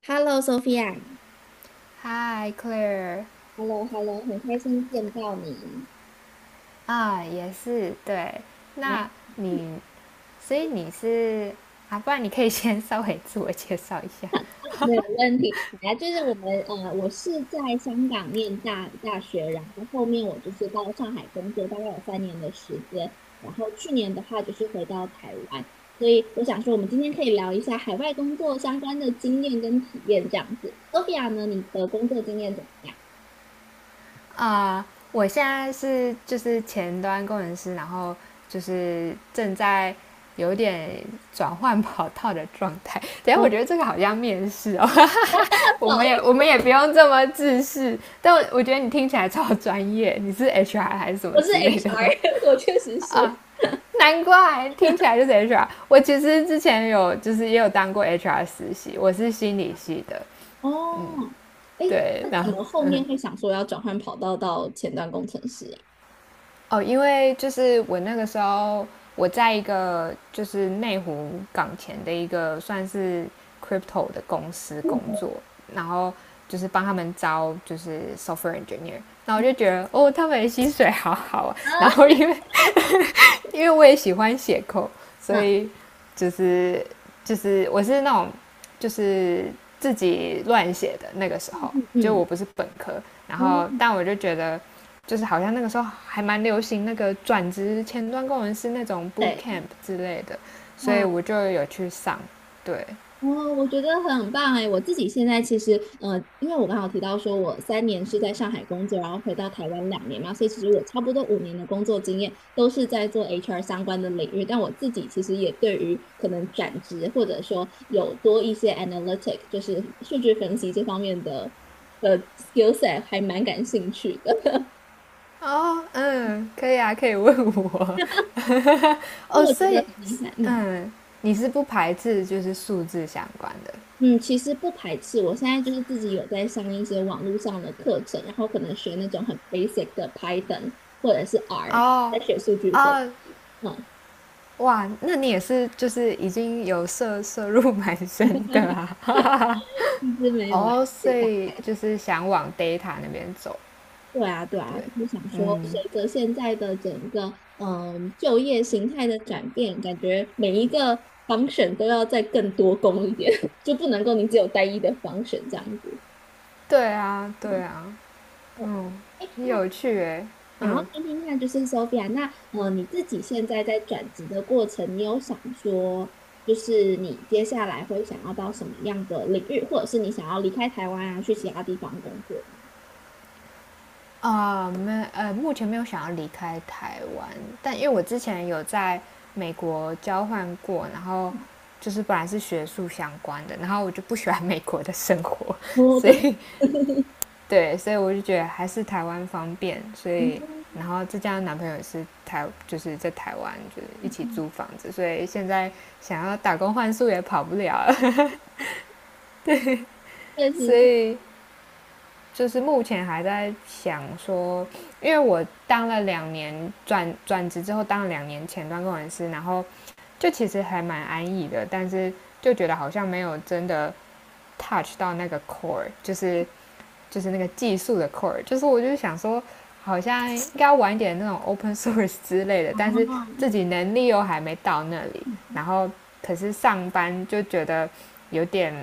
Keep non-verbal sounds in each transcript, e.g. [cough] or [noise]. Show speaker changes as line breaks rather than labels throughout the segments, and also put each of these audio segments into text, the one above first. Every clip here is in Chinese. Hello,Sophia,h
Hi Claire。
e l l o h e l l o 很开心见到你。
也是对。
哎，
那你，所以你是啊，不然你可以 [laughs] 先稍微自我介绍一下
[laughs] 没有问题。本来，我是在香港念大学，然后后面我就是到上海工作，大概有三年的时间。然后去年的话就是回到台湾，所以我想说，我们今天可以聊一下海外工作相关的经验跟体验这样子。Sophia 呢，你的工作经验怎么样？
啊。我现在是就是前端工程师，然后就是正在有点转换跑道的状态。等一下
我
我
不
觉得这个好像面试哦，[laughs] 我
好
们也
意
我们
思，
也不用这么自视，但我觉得你听起来超专业，你是 HR 还是什么
我是
之类的吗？
HR，[laughs] 我确实
啊，
是。
难怪听起来就是 HR。我其实之前有就是也有当过 HR 实习，我是心理系的。
哦。哎，
对，
那
然
怎
后
么后面会想说要转换跑道到前端工程师呀？
哦，因为就是我那个时候我在一个就是内湖港前的一个算是 crypto 的公司工
嗯。
作，然后就是帮他们招就是 software engineer,然后我
嗯。
就觉得哦，他们的薪水好好啊。然后因为我也喜欢写扣，所
啊。
以就是就是我是那种就是自己乱写的那个时
嗯
候，
嗯
就
嗯。
我不是本科，然
哦。
后但我就觉得就是好像那个时候还蛮流行那个转职前端工程师那种 boot
对。
camp 之类的，所以
哇。
我就有去上，对。
哦，我觉得很棒哎！我自己现在其实，因为我刚好提到说，我三年是在上海工作，然后回到台湾两年嘛，所以其实我差不多五年的工作经验都是在做 HR 相关的领域。但我自己其实也对于可能转职或者说有多一些 analytic，就是数据分析这方面的skill set 还蛮感兴趣的。
哦，嗯，可以啊，可以问我 [laughs]。
所以
哦，
我觉
所
得
以，
很厉害，嗯。
嗯，你是不排斥就是数字相关的？
嗯，其实不排斥。我现在就是自己有在上一些网络上的课程，然后可能学那种很 basic 的 Python 或者是 R，
哦，
在学数据分
哦，
析。嗯，
哇，那你也是就是已经有涉入蛮深的啊。
一直
[laughs]
没有来
哦，
自
所
己干。
以就是想往 data 那边走，
对啊，对啊，
对，
就是想说，随
嗯，
着现在的整个就业形态的转变，感觉每一个 function 都要再更多工一点，[laughs] 就不能够你只有单一的 function 这样子。
对啊，对
嗯。
啊，
我哎，
很
那
有趣诶，
然后
嗯
听听看，就是 Sophia，那你自己现在在转职的过程，你有想说，就是你接下来会想要到什么样的领域，或者是你想要离开台湾啊，去其他地方工作？
啊，没呃，目前没有想要离开台湾，但因为我之前有在美国交换过，然后
[laughs]
就是本来是学术相关的，然后我就不喜欢美国的生活，
我
所
真的。
以对，所以我就觉得还是台湾方便，所以
嗯
然后这家男朋友也是台，就是在台湾就是一
嗯
起
嗯。
租房子，所以现在想要打工换宿也跑不了了
确
[laughs]，
实
所
是
以就是目前还在想说，因为我当了两年转职之后当了两年前端工程师，然后就其实还蛮安逸的，但是就觉得好像没有真的 touch 到那个 core,就是那个技术的 core,就是我就想说，好像应该玩一点那种 open [laughs] source 之类的，但是
啊。
自己能力又还没到那里，
嗯。嗯。
然后可是上班就觉得有点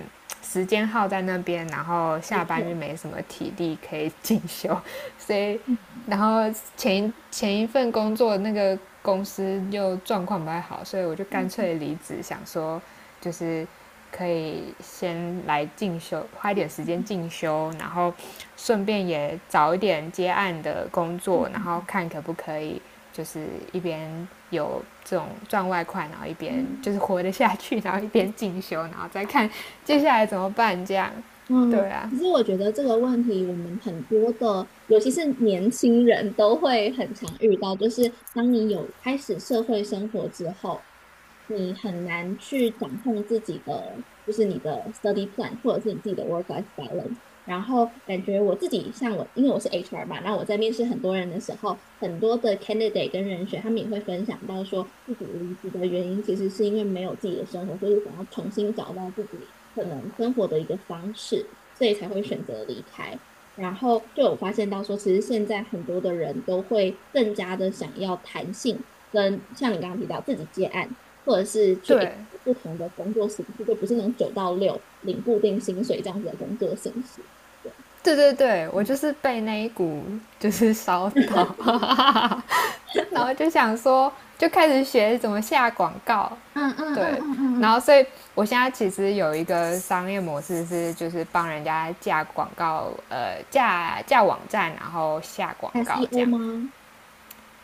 时间耗在那边，然后
没
下班就
错。
没什么体力可以进修，[laughs] 所以然后前前一份工作那个公司又状况不太好，所以我就干
嗯嗯
脆离职，想说就是。可以先来进修，花一点时间进修，然后顺便也找一点接案的工
嗯
作，然
嗯
后
嗯。
看可不可以就是一边有这种赚外快，然后一边就
嗯
是活得下去，然后一边进修，然后再看接下来怎么办这样。对
嗯，
啊，
其实我觉得这个问题，我们很多的，尤其是年轻人都会很常遇到，就是当你有开始社会生活之后，你很难去掌控自己的，就是你的 study plan 或者是你自己的 work life balance。然后感觉我自己像我，因为我是 HR 嘛，那我在面试很多人的时候，很多的 candidate 跟人选，他们也会分享到说，自己离职的原因其实是因为没有自己的生活，所以想要重新找到自己可能生活的一个方式，所以才会选择离开。然后就有发现到说，其实现在很多的人都会更加的想要弹性，跟像你刚刚提到自己接案，或者是去
对。
不同的工作形式，就不是那种九到六领固定薪水这样子的工作形式。
对对对，我就
嗯
是被那一股就是烧到，然后就想说，就开始学怎么下广告，
嗯嗯
对，
嗯
然后
嗯
所以我现在其实有一个商业模式是，就是帮人家架广告，架网站，然后下广告
嗯
这
，SEO
样。
吗？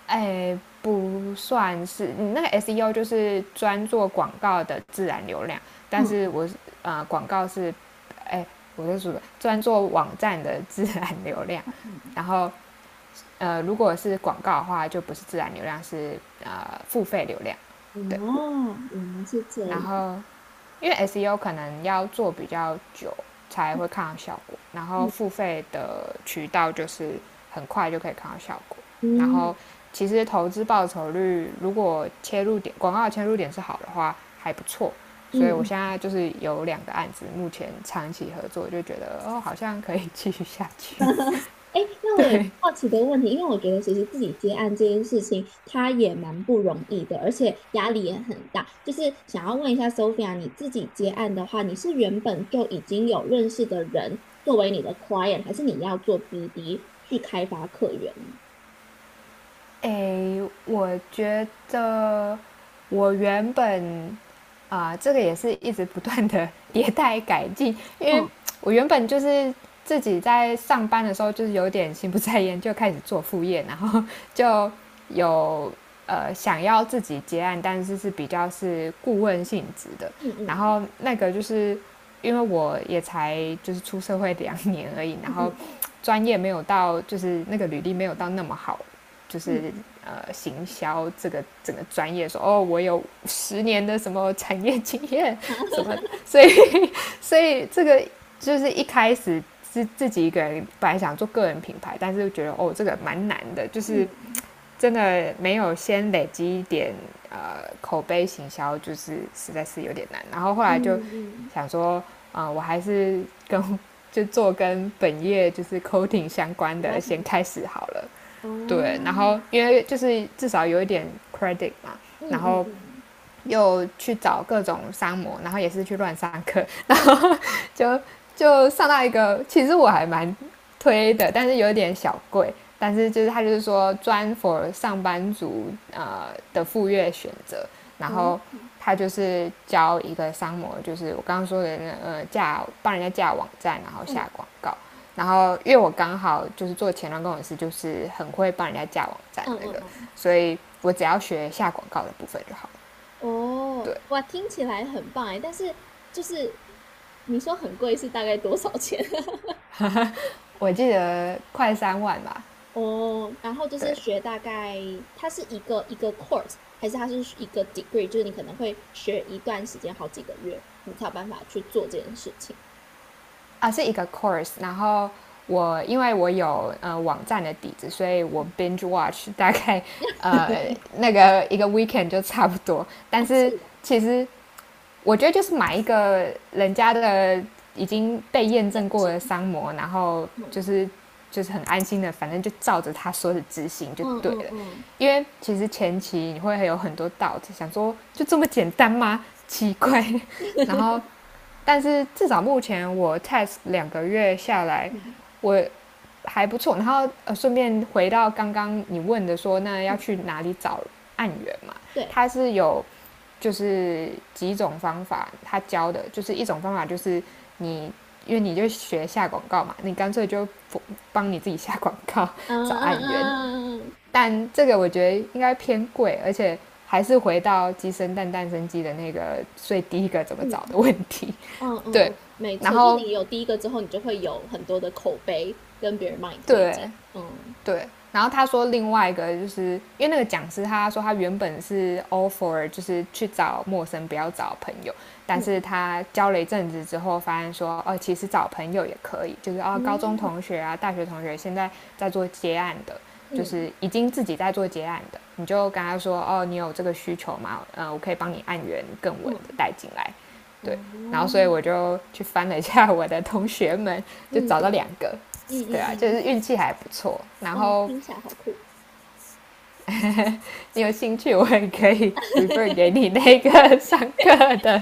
哎，不算是你那个 SEO 就是专做广告的自然流量，但是
嗯。
我广告是，哎，我是说专做网站的自然流量，
哦。嗯
然后如果是广告的话，就不是自然流量，是付费流量。
嗯。
对，
哦，我们是这
然
样。
后因为 SEO 可能要做比较久才会看到效果，然后付
嗯
费的渠道就是很快就可以看到效果。然
嗯
后其实投资报酬率如果切入点广告的切入点是好的话，还不错。所以我
嗯。
现在就是有两个案子，目前长期合作，就觉得哦，好像可以继续下去。
[laughs] 哎
[laughs]
那我有
对，
好奇的问题，因为我觉得其实自己接案这件事情，它也蛮不容易的，而且压力也很大。就是想要问一下 Sophia，你自己接案的话，你是原本就已经有认识的人作为你的 client，还是你要做 BD 去开发客源？
诶，我觉得我原本啊、这个也是一直不断的 [laughs] 迭代改进，因为
嗯
我原本就是自己在上班的时候就是有点心不在焉，就开始做副业，然后就有想要自己接案，但是是比较是顾问性质的，
嗯
然
嗯
后那个就是因为我也才就是出社会两年而已，然
嗯
后
嗯
专业没有到，就是那个履历没有到那么好，就
嗯。
是
嗯。
行销这个整个专业说哦，我有10年的什么产业经验
好，
什么的，
[laughs]
所以这个就是一开始是自己一个人本来想做个人品牌，但是觉得哦这个蛮难的，就是
嗯。
真的没有先累积一点口碑行销，就是实在是有点难。然后后
嗯
来就
嗯。
想说，啊、我还是跟 [laughs] 就做跟本业就是 coding 相关
比较
的
相
先
关
开始
的。
好了。对，然
哦。
后因为就是至少有一点 credit 嘛，
嗯
然
嗯
后
嗯。
又去找各种商模，然后也是去乱上课，[laughs] 然后就就上到一个，其实我还蛮推的，但是有点小贵。但是就是他就是说专 for 上班族的赴约选择，然
哦。
后
嗯
他就是教一个商模，就是我刚刚说的那帮人家架网站，然后下
嗯
广告。然后因为我刚好就是做前端工程师，就是很会帮人家架网站
嗯
那个，
嗯。
所以我只要学下广告的部分就好了。
哦。
对，
哇，听起来很棒哎，但是就是你说很贵是大概多少钱？[laughs]
我记得快3万吧，
哦，然后就是
对
学大概，它是一个一个 course，还是它是一个 degree？就是你可能会学一段时间，好几个月，你才有办法去做这件事情。
啊，是一个 course,然后我因为我有网站的底子，所以我 binge watch [laughs] 大概
[laughs]
呃那个一个 weekend 就差不多，但
哦，
是
是的。
其实我觉得就是买一个人家的已经被验
面
证过
试。
的商模，然后
嗯
就是很安心的，反正就照着他说的执行就
嗯
对
嗯
了。
嗯
因为其实前期你会有很多 doubt,想说就这么简单吗？奇怪。[laughs] 然后
[laughs]
但是至少目前我 test 2个月下来，
嗯
我还不错。然后顺便回到刚刚你问的说，那要
嗯。
去哪里找案源嘛？
对。
它是有就是几种方法，他教的就是一种方法就是你因为你就学下广告嘛，你干脆就帮你自己下广告
嗯
找
嗯
案源。[laughs]
嗯嗯嗯。
但这个我觉得应该偏贵，而且还是回到鸡生蛋，蛋生鸡的那个最第一个怎么找
嗯
的问题。
嗯嗯
对，
嗯，没
然
错，就
后
你有第一个之后，你就会有很多的口碑跟别人帮你推荐。
对
嗯
对，然后他说另外一个就是因为那个讲师他说他原本是 offer 就是去找陌生不要找朋友，但是
嗯
他教了一阵子之后发现说哦其实找朋友也可以，就是哦高中
嗯
同学啊大学同学现在在做接案的，就
嗯
是已经自己在做接案的，你就跟他说哦你有这个需求吗？嗯我可以帮你按源更稳的
嗯。
带进来，对，然后所以
哦。
我就去翻了一下我的同学们，
嗯
就找
嗯
到两个，
嗯
对啊，就
嗯。
是运气还不错。然
哇，
后
听起来好酷。
你有兴趣，我也可以 refer 给你那个上课的。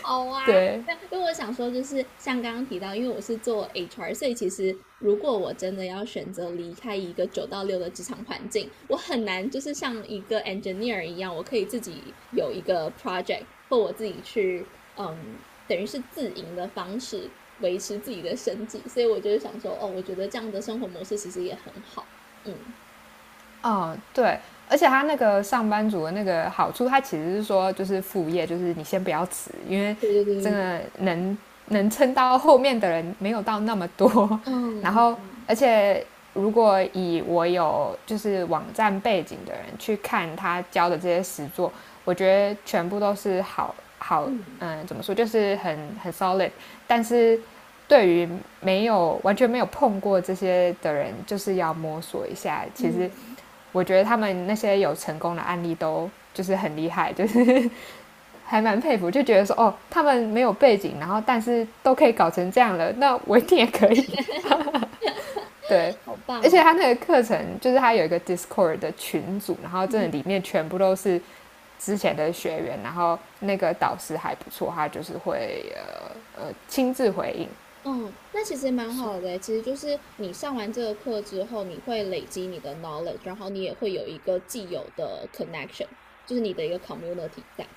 好啊。
对，
那因为我想说，就是像刚刚提到，因为我是做 HR，所以其实如果我真的要选择离开一个九到六的职场环境，我很难就是像一个 engineer 一样，我可以自己有一个 project，或我自己去，嗯，等于是自营的方式维持自己的生计。所以我就是想说，哦，我觉得这样的生活模式其实也很好。嗯。
哦，对，而且他那个上班族的那个好处，他其实是说就是副业，就是你先不要辞，因为
对对对
真
对对。
的能撑到后面的人没有到那么多。
嗯
然
嗯
后，而
嗯
且如果以我有就是网站背景的人去看他教的这些实作，我觉得全部都是好好，
嗯
嗯，怎么说，就是很 solid,但是。对于没有完全没有碰过这些的人，就是要摸索一下。其实
嗯。
我觉得他们那些有成功的案例都就是很厉害，[laughs] 就是还蛮佩服，就觉得说哦，他们没有背景，然后但是都可以搞成这样了，那我一定也可以。[laughs] 对，
好棒
而且
哦！
他那个课程就是他有一个 Discord 的群组，然后
嗯
真的
嗯
里面全部都是之前的学员，然后那个导师还不错，他就是会亲自回应。
嗯。那其实也蛮好的欸，其实就是你上完这个课之后，你会累积你的 knowledge，然后你也会有一个既有的 connection，就是你的一个 community 在。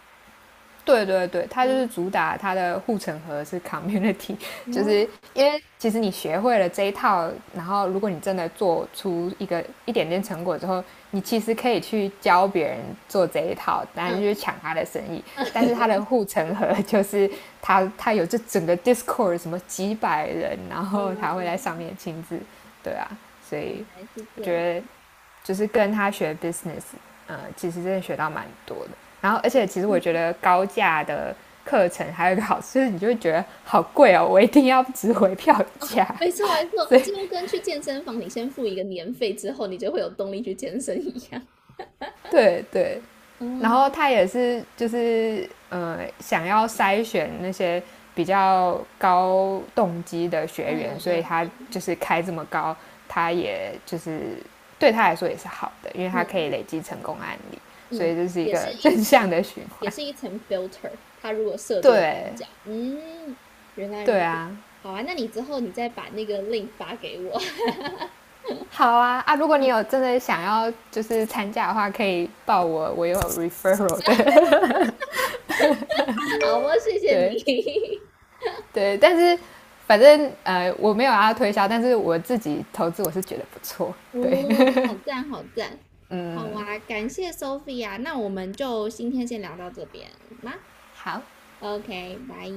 对对对，它就是
嗯。
主打它的护城河是 community,[laughs] 就是
哦。
因为其实你学会了这一套，然后如果你真的做出一个一点点成果之后，你其实可以去教别人做这一套，当然就是
嗯。
抢他的生意。但是他的
[laughs]
护城河 [laughs] 就是他有这整个 Discord 什么几百人，然后
原
他会在上面亲自，对啊，所以
来是
我
这
觉
样。
得就是跟他学 business,其实真的学到蛮多的。然后，而且其实我觉
嗯，
得高价的课程还有一个好处，就是你就会觉得好贵哦，我一定要值回票价。
没错没错，
所以，
这就跟去健身房，你先付一个年费之后，你就会有动力去健身一样。
对对。然后
嗯
他也是就是想要筛选那些比较高动机的学
嗯
员，所
嗯
以
嗯
他就是开这么高，他也就是对他来说也是好的，因为他可
嗯
以累积成功案例，所
嗯。
以这是一
也是
个 [laughs]
一
正
层，
向的循
也
环。
是一层 filter。它如果设这个单
对
价，嗯，原来
对
如此。
啊，
好啊，那你之后你再把那个 link 发给我。
好啊啊！如果你有
[laughs]
真的想要就是参加的话，可以报我，我有 referral 的。
好哦，谢
[laughs]
谢
对
你。
对，但是反正我没有要推销，但是我自己投资我是觉得不错。
[laughs]
对，
哦，好赞，好赞。好啊，感谢 Sophia。那我们就今天先聊到这边吗
[laughs] 好，
？OK，拜。